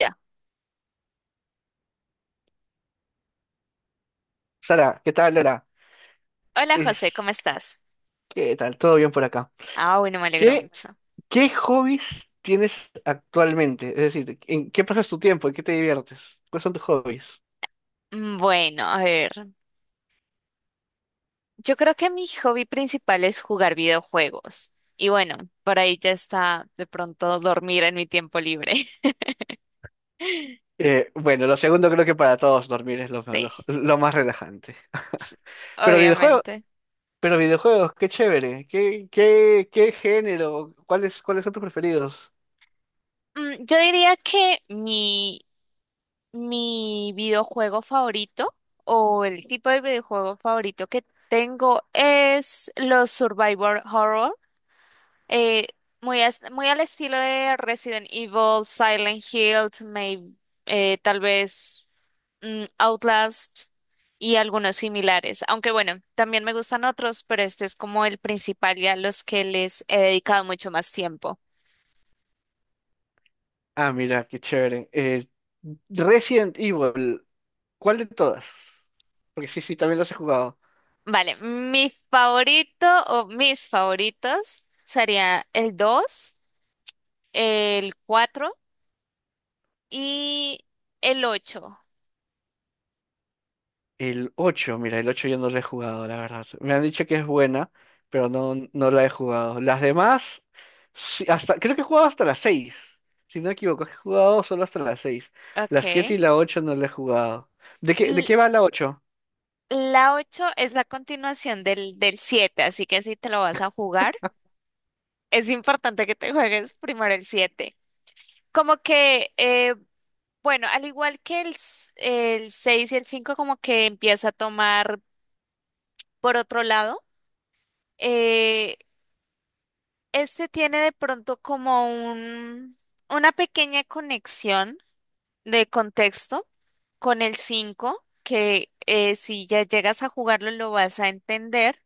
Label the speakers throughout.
Speaker 1: Ya.
Speaker 2: Sara, ¿qué tal, Lola?
Speaker 1: Hola José, ¿cómo
Speaker 2: Es-
Speaker 1: estás?
Speaker 2: ¿Qué tal? ¿Todo bien por acá?
Speaker 1: Ah, bueno, me alegro
Speaker 2: ¿Qué,
Speaker 1: mucho.
Speaker 2: ¿Qué hobbies tienes actualmente? Es decir, ¿en qué pasas tu tiempo? ¿En qué te diviertes? ¿Cuáles son tus hobbies?
Speaker 1: Bueno, a ver, yo creo que mi hobby principal es jugar videojuegos. Y bueno, por ahí ya está de pronto dormir en mi tiempo libre.
Speaker 2: Bueno, lo segundo creo que para todos dormir es
Speaker 1: Sí,
Speaker 2: lo más relajante.
Speaker 1: s-
Speaker 2: Pero videojuegos,
Speaker 1: obviamente.
Speaker 2: pero videojuegos, qué chévere. ¿Qué género? ¿Cuáles son tus preferidos?
Speaker 1: Yo diría que mi videojuego favorito o el tipo de videojuego favorito que tengo es los Survivor Horror. Eh, muy al estilo de Resident Evil, Silent Hill, tal vez Outlast y algunos similares. Aunque bueno, también me gustan otros, pero este es como el principal y a los que les he dedicado mucho más tiempo.
Speaker 2: Ah, mira, qué chévere. Resident Evil, ¿cuál de todas? Porque sí, sí, también los he jugado.
Speaker 1: Vale, mi favorito o mis favoritos sería el dos, el 4 y el ocho.
Speaker 2: El 8, mira, el 8 yo no lo he jugado, la verdad. Me han dicho que es buena, pero no la he jugado. Las demás, sí, hasta, creo que he jugado hasta las seis. Si no me equivoco, he jugado solo hasta las 6. Las 7 y
Speaker 1: Ok.
Speaker 2: la ocho no la he jugado. ¿De qué va la 8?
Speaker 1: La 8 es la continuación del 7, así que si te lo vas a jugar, es importante que te juegues primero el 7. Como que, bueno, al igual que el 6 y el 5, como que empieza a tomar por otro lado. eh, este tiene de pronto como un, una pequeña conexión de contexto con el 5, que si ya llegas a jugarlo lo vas a entender.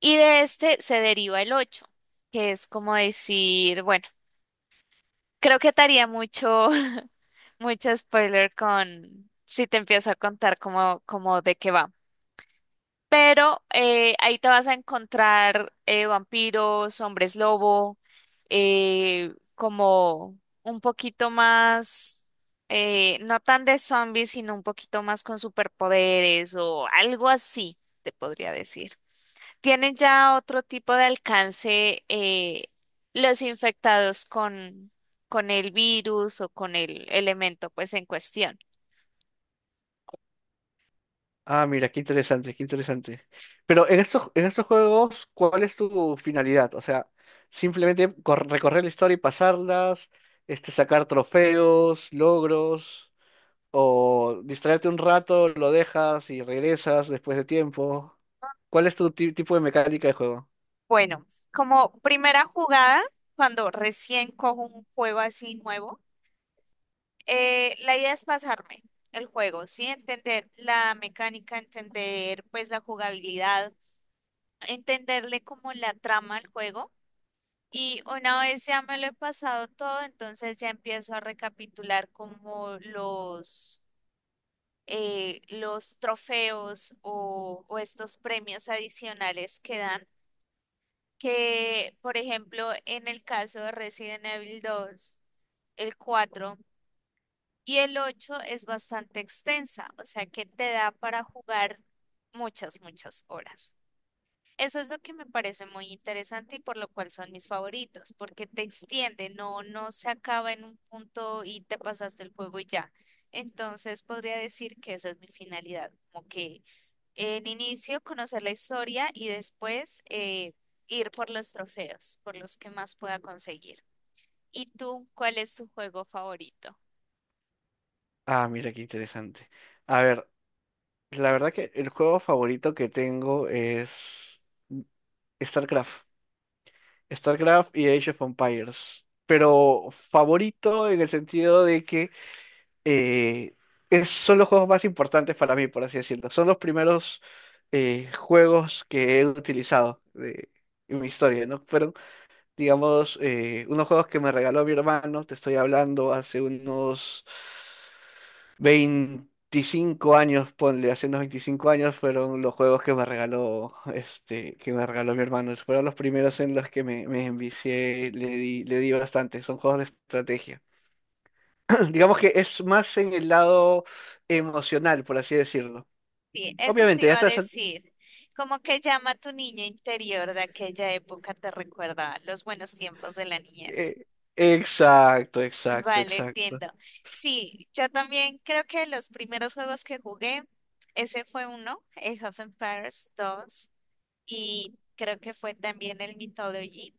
Speaker 1: Y de este se deriva el 8, que es como decir, bueno, creo que te haría mucho, mucho spoiler con si te empiezo a contar cómo de qué va. Pero ahí te vas a encontrar vampiros, hombres lobo, como un poquito más, no tan de zombies, sino un poquito más con superpoderes o algo así, te podría decir. Tienen ya otro tipo de alcance los infectados con el virus o con el elemento pues en cuestión.
Speaker 2: Ah, mira, qué interesante, qué interesante. En estos juegos, ¿cuál es tu finalidad? O sea, simplemente recorrer la historia y pasarlas, este, sacar trofeos, logros, o distraerte un rato, lo dejas y regresas después de tiempo. ¿Cuál es tu tipo de mecánica de juego?
Speaker 1: Bueno, como primera jugada, cuando recién cojo un juego así nuevo, la idea es pasarme el juego, ¿sí? Entender la mecánica, entender pues la jugabilidad, entenderle como la trama al juego. Y una vez ya me lo he pasado todo, entonces ya empiezo a recapitular como los trofeos o estos premios adicionales que dan. Que, por ejemplo, en el caso de Resident Evil dos, el 4 y el 8 es bastante extensa, o sea que te da para jugar muchas, muchas horas. Eso es lo que me parece muy interesante y por lo cual son mis favoritos, porque te extiende, no, no se acaba en un punto y te pasaste el juego y ya. Entonces podría decir que esa es mi finalidad, como que en inicio conocer la historia y después ir por los trofeos, por los que más pueda conseguir. ¿Y tú, cuál es tu juego favorito?
Speaker 2: Ah, mira qué interesante. A ver, la verdad que el juego favorito que tengo es StarCraft. StarCraft y Age of Empires. Pero favorito en el sentido de que eh, son los juegos más importantes para mí, por así decirlo. Son los primeros juegos que he utilizado en mi historia, ¿no? Fueron, digamos, unos juegos que me regaló mi hermano, te estoy hablando hace unos 25 años, ponle, hace unos 25 años fueron los juegos que me regaló, este, que me regaló mi hermano. Fueron los primeros en los que me envicié, le di bastante, son juegos de estrategia. Digamos que es más en el lado emocional, por así decirlo.
Speaker 1: Sí, eso te
Speaker 2: Obviamente, ya
Speaker 1: iba a
Speaker 2: estás... al-
Speaker 1: decir. Como que llama a tu niño interior de aquella época, te recuerda los buenos tiempos de la
Speaker 2: eh,
Speaker 1: niñez.
Speaker 2: exacto, exacto,
Speaker 1: Vale,
Speaker 2: exacto.
Speaker 1: entiendo. Sí, yo también creo que los primeros juegos que jugué, ese fue uno, el Half Empires 2 y creo que fue también el Mythology.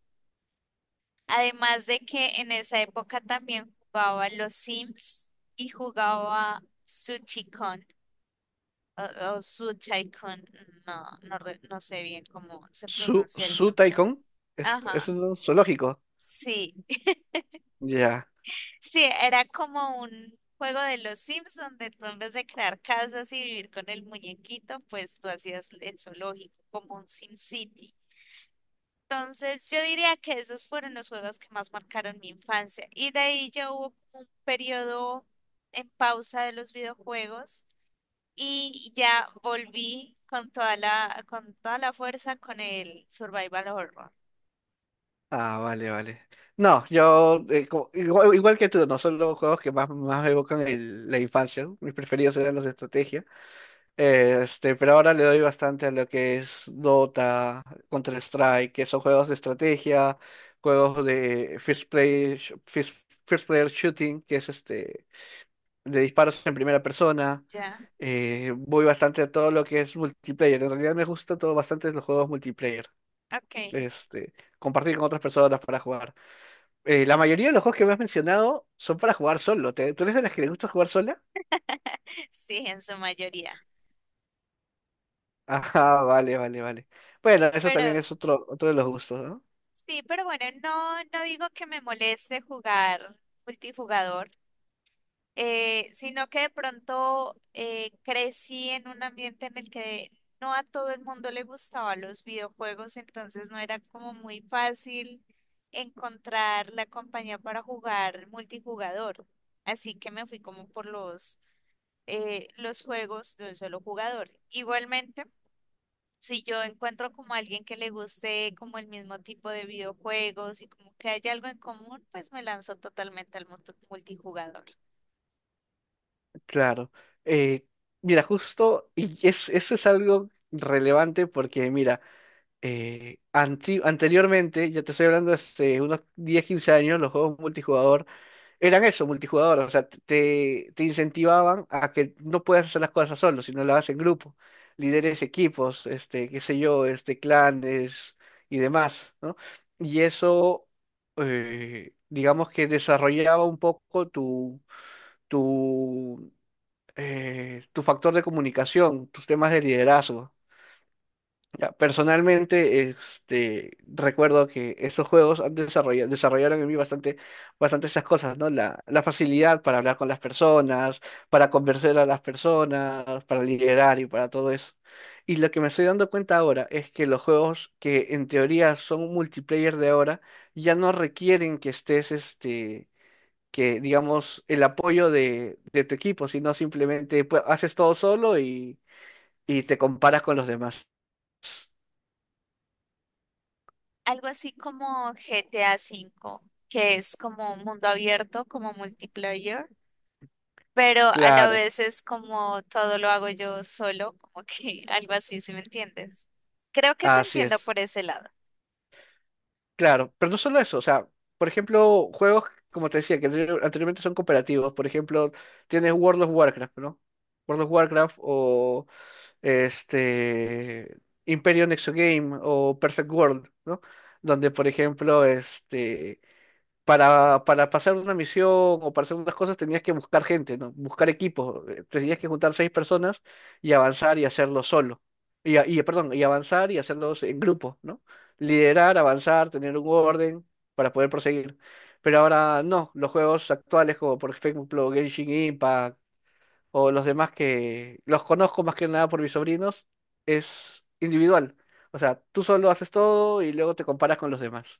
Speaker 1: Además de que en esa época también jugaba los Sims y jugaba Suchicon o, Suchaicon, no, no, no sé bien cómo se
Speaker 2: Su,
Speaker 1: pronuncia el
Speaker 2: su
Speaker 1: nombre.
Speaker 2: Tycoon
Speaker 1: Ajá,
Speaker 2: es un zoológico.
Speaker 1: sí.
Speaker 2: Ya.
Speaker 1: Sí, era como un juego de los Sims donde tú en vez de crear casas y vivir con el muñequito, pues tú hacías el zoológico como un Sim City. Entonces yo diría que esos fueron los juegos que más marcaron mi infancia y de ahí ya hubo como un periodo en pausa de los videojuegos y ya volví con toda la fuerza con el survival horror.
Speaker 2: Ah, vale, vale. No, yo igual, igual que tú, no son los juegos que más me evocan la infancia. ¿No? Mis preferidos eran los de estrategia. Este, pero ahora le doy bastante a lo que es Dota, Counter-Strike, que son juegos de estrategia, juegos de first player shooting, que es este de disparos en primera persona.
Speaker 1: Ya,
Speaker 2: Voy bastante a todo lo que es multiplayer. En realidad me gusta todo bastante los juegos multiplayer.
Speaker 1: ok.
Speaker 2: Este, compartir con otras personas para jugar. La mayoría de los juegos que me has mencionado son para jugar solo. ¿Tú eres de las que le gusta jugar sola?
Speaker 1: Sí, en su mayoría.
Speaker 2: Ajá, vale, vale, vale. Bueno, eso también
Speaker 1: Pero
Speaker 2: es otro, otro de los gustos, ¿no?
Speaker 1: Sí, pero bueno, no, no digo que me moleste jugar multijugador, sino que de pronto crecí en un ambiente en el que no a todo el mundo le gustaban los videojuegos, entonces no era como muy fácil encontrar la compañía para jugar multijugador. Así que me fui como por los juegos de un solo jugador. Igualmente, si yo encuentro como alguien que le guste como el mismo tipo de videojuegos y como que haya algo en común, pues me lanzo totalmente al mundo multijugador.
Speaker 2: Claro. Eh, Mira, justo, y es, eso es algo relevante porque, mira, anteriormente, ya te estoy hablando hace unos 10 15 años, los juegos multijugador eran eso, multijugador, o sea, te incentivaban a que no puedas hacer las cosas solo, sino las haces en grupo, líderes, equipos, este, qué sé yo, este, clanes y demás, ¿no? Y eso, digamos que desarrollaba un poco tu, tu factor de comunicación, tus temas de liderazgo. Ya, personalmente, este, recuerdo que estos juegos han desarrollaron en mí bastante, bastante esas cosas, ¿no? La facilidad para hablar con las personas, para convencer a las personas, para liderar y para todo eso. Y lo que me estoy dando cuenta ahora es que los juegos que en teoría son multiplayer de ahora ya no requieren que estés, este, que digamos, el apoyo de tu equipo, sino simplemente pues, haces todo solo y te comparas con los demás.
Speaker 1: Algo así como GTA V, que es como mundo abierto, como multiplayer. Pero a la
Speaker 2: Claro.
Speaker 1: vez es como todo lo hago yo solo, como que algo así, ¿si me entiendes? Creo que te
Speaker 2: Así
Speaker 1: entiendo
Speaker 2: es,
Speaker 1: por ese lado.
Speaker 2: claro, pero no solo eso, o sea, por ejemplo, juegos, como te decía, que anteriormente son cooperativos, por ejemplo, tienes World of Warcraft, ¿no? World of Warcraft o este Imperio Nexo Game o Perfect World, ¿no? Donde, por ejemplo, este, para pasar una misión o para hacer unas cosas tenías que buscar gente, ¿no? Buscar equipos. Tenías que juntar 6 personas y avanzar y hacerlo solo. Y, perdón, y avanzar y hacerlos en grupo, ¿no? Liderar, avanzar, tener un orden para poder proseguir. Pero ahora no, los juegos actuales, como por ejemplo Genshin Impact o los demás, que los conozco más que nada por mis sobrinos, es individual. O sea, tú solo haces todo y luego te comparas con los demás,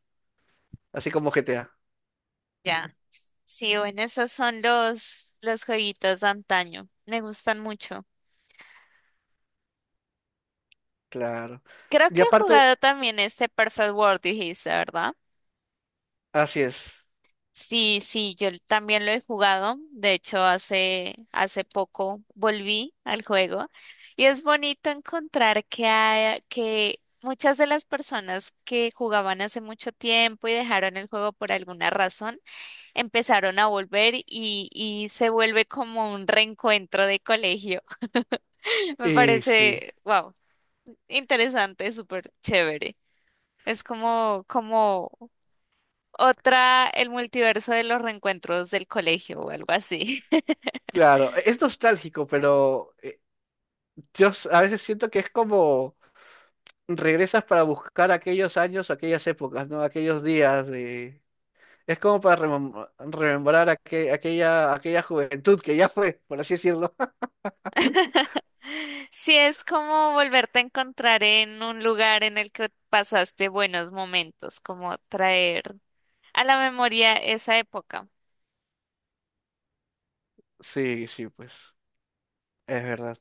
Speaker 2: así como GTA.
Speaker 1: Ya. Sí, bueno, esos son los jueguitos de antaño. Me gustan mucho.
Speaker 2: Claro.
Speaker 1: Creo
Speaker 2: Y
Speaker 1: que he
Speaker 2: aparte,
Speaker 1: jugado también este Perfect World, dijiste, ¿verdad?
Speaker 2: así es.
Speaker 1: Sí, sí, yo también lo he jugado. De hecho, hace poco volví al juego y es bonito encontrar que muchas de las personas que jugaban hace mucho tiempo y dejaron el juego por alguna razón, empezaron a volver y se vuelve como un reencuentro de colegio. Me
Speaker 2: Y sí,
Speaker 1: parece, wow, interesante, súper chévere. Es como, otra, el multiverso de los reencuentros del colegio o algo así.
Speaker 2: claro, es nostálgico, pero a veces siento que es como regresas para buscar aquellos años, aquellas épocas, ¿no? Aquellos días de... Es como para remembrar aquella, aquella juventud que ya fue, por así decirlo.
Speaker 1: Sí, es como volverte a encontrar en un lugar en el que pasaste buenos momentos, como traer a la memoria esa época.
Speaker 2: Sí, sí, pues. Es verdad,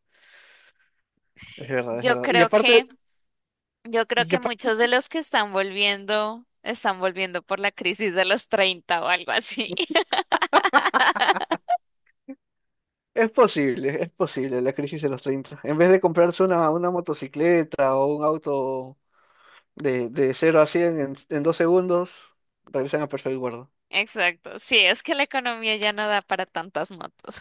Speaker 2: es verdad, es
Speaker 1: Yo
Speaker 2: verdad.
Speaker 1: creo que, yo creo
Speaker 2: Y
Speaker 1: que
Speaker 2: aparte,
Speaker 1: muchos de los que están volviendo por la crisis de los 30 o algo así.
Speaker 2: es posible la crisis de los treinta. En vez de comprarse una motocicleta o un auto de 0 a 100 en 2 segundos, regresan a perfect guardo.
Speaker 1: Exacto. Sí, es que la economía ya no da para tantas motos.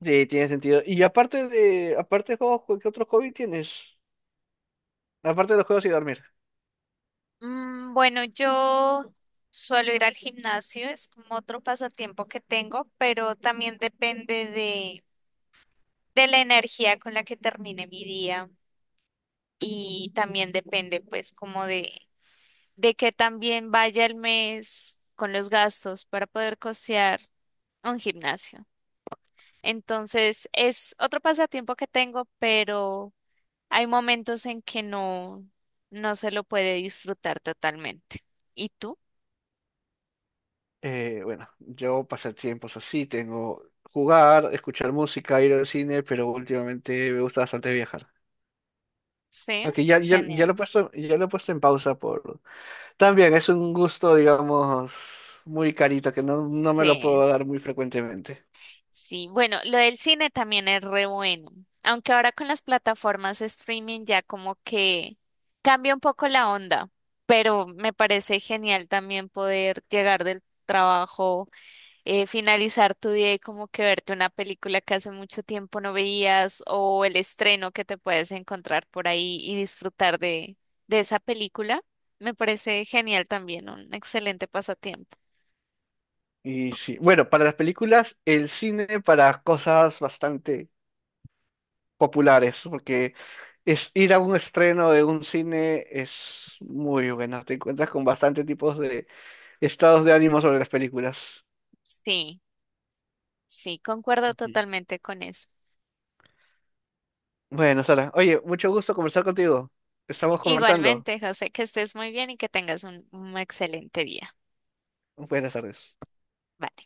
Speaker 2: Sí, tiene sentido. Aparte de juegos, ¿qué otro hobby tienes? Aparte de los juegos y dormir.
Speaker 1: Bueno, yo suelo ir al gimnasio, es como otro pasatiempo que tengo, pero también depende de la energía con la que termine mi día y también depende pues como de que también vaya el mes con los gastos para poder costear un gimnasio. Entonces es otro pasatiempo que tengo, pero hay momentos en que no, no se lo puede disfrutar totalmente. ¿Y tú?
Speaker 2: Bueno, yo pasatiempos así, tengo jugar, escuchar música, ir al cine, pero últimamente me gusta bastante viajar.
Speaker 1: Sí,
Speaker 2: Aunque ya lo he
Speaker 1: genial.
Speaker 2: puesto, ya lo he puesto en pausa por... También es un gusto, digamos, muy carito, que no me lo
Speaker 1: Sí,
Speaker 2: puedo dar muy frecuentemente.
Speaker 1: sí. Bueno, lo del cine también es re bueno. Aunque ahora con las plataformas streaming ya como que cambia un poco la onda, pero me parece genial también poder llegar del trabajo, finalizar tu día y como que verte una película que hace mucho tiempo no veías o el estreno que te puedes encontrar por ahí y disfrutar de esa película. Me parece genial también, un excelente pasatiempo.
Speaker 2: Y sí, bueno, para las películas, el cine para cosas bastante populares, porque es ir a un estreno de un cine es muy bueno, te encuentras con bastante tipos de estados de ánimo sobre las películas.
Speaker 1: Sí. Sí, concuerdo
Speaker 2: Ujú.
Speaker 1: totalmente con eso.
Speaker 2: Bueno, Sara, oye, mucho gusto conversar contigo. Estamos conversando.
Speaker 1: Igualmente, José, que estés muy bien y que tengas un excelente día.
Speaker 2: Buenas tardes.
Speaker 1: Vale.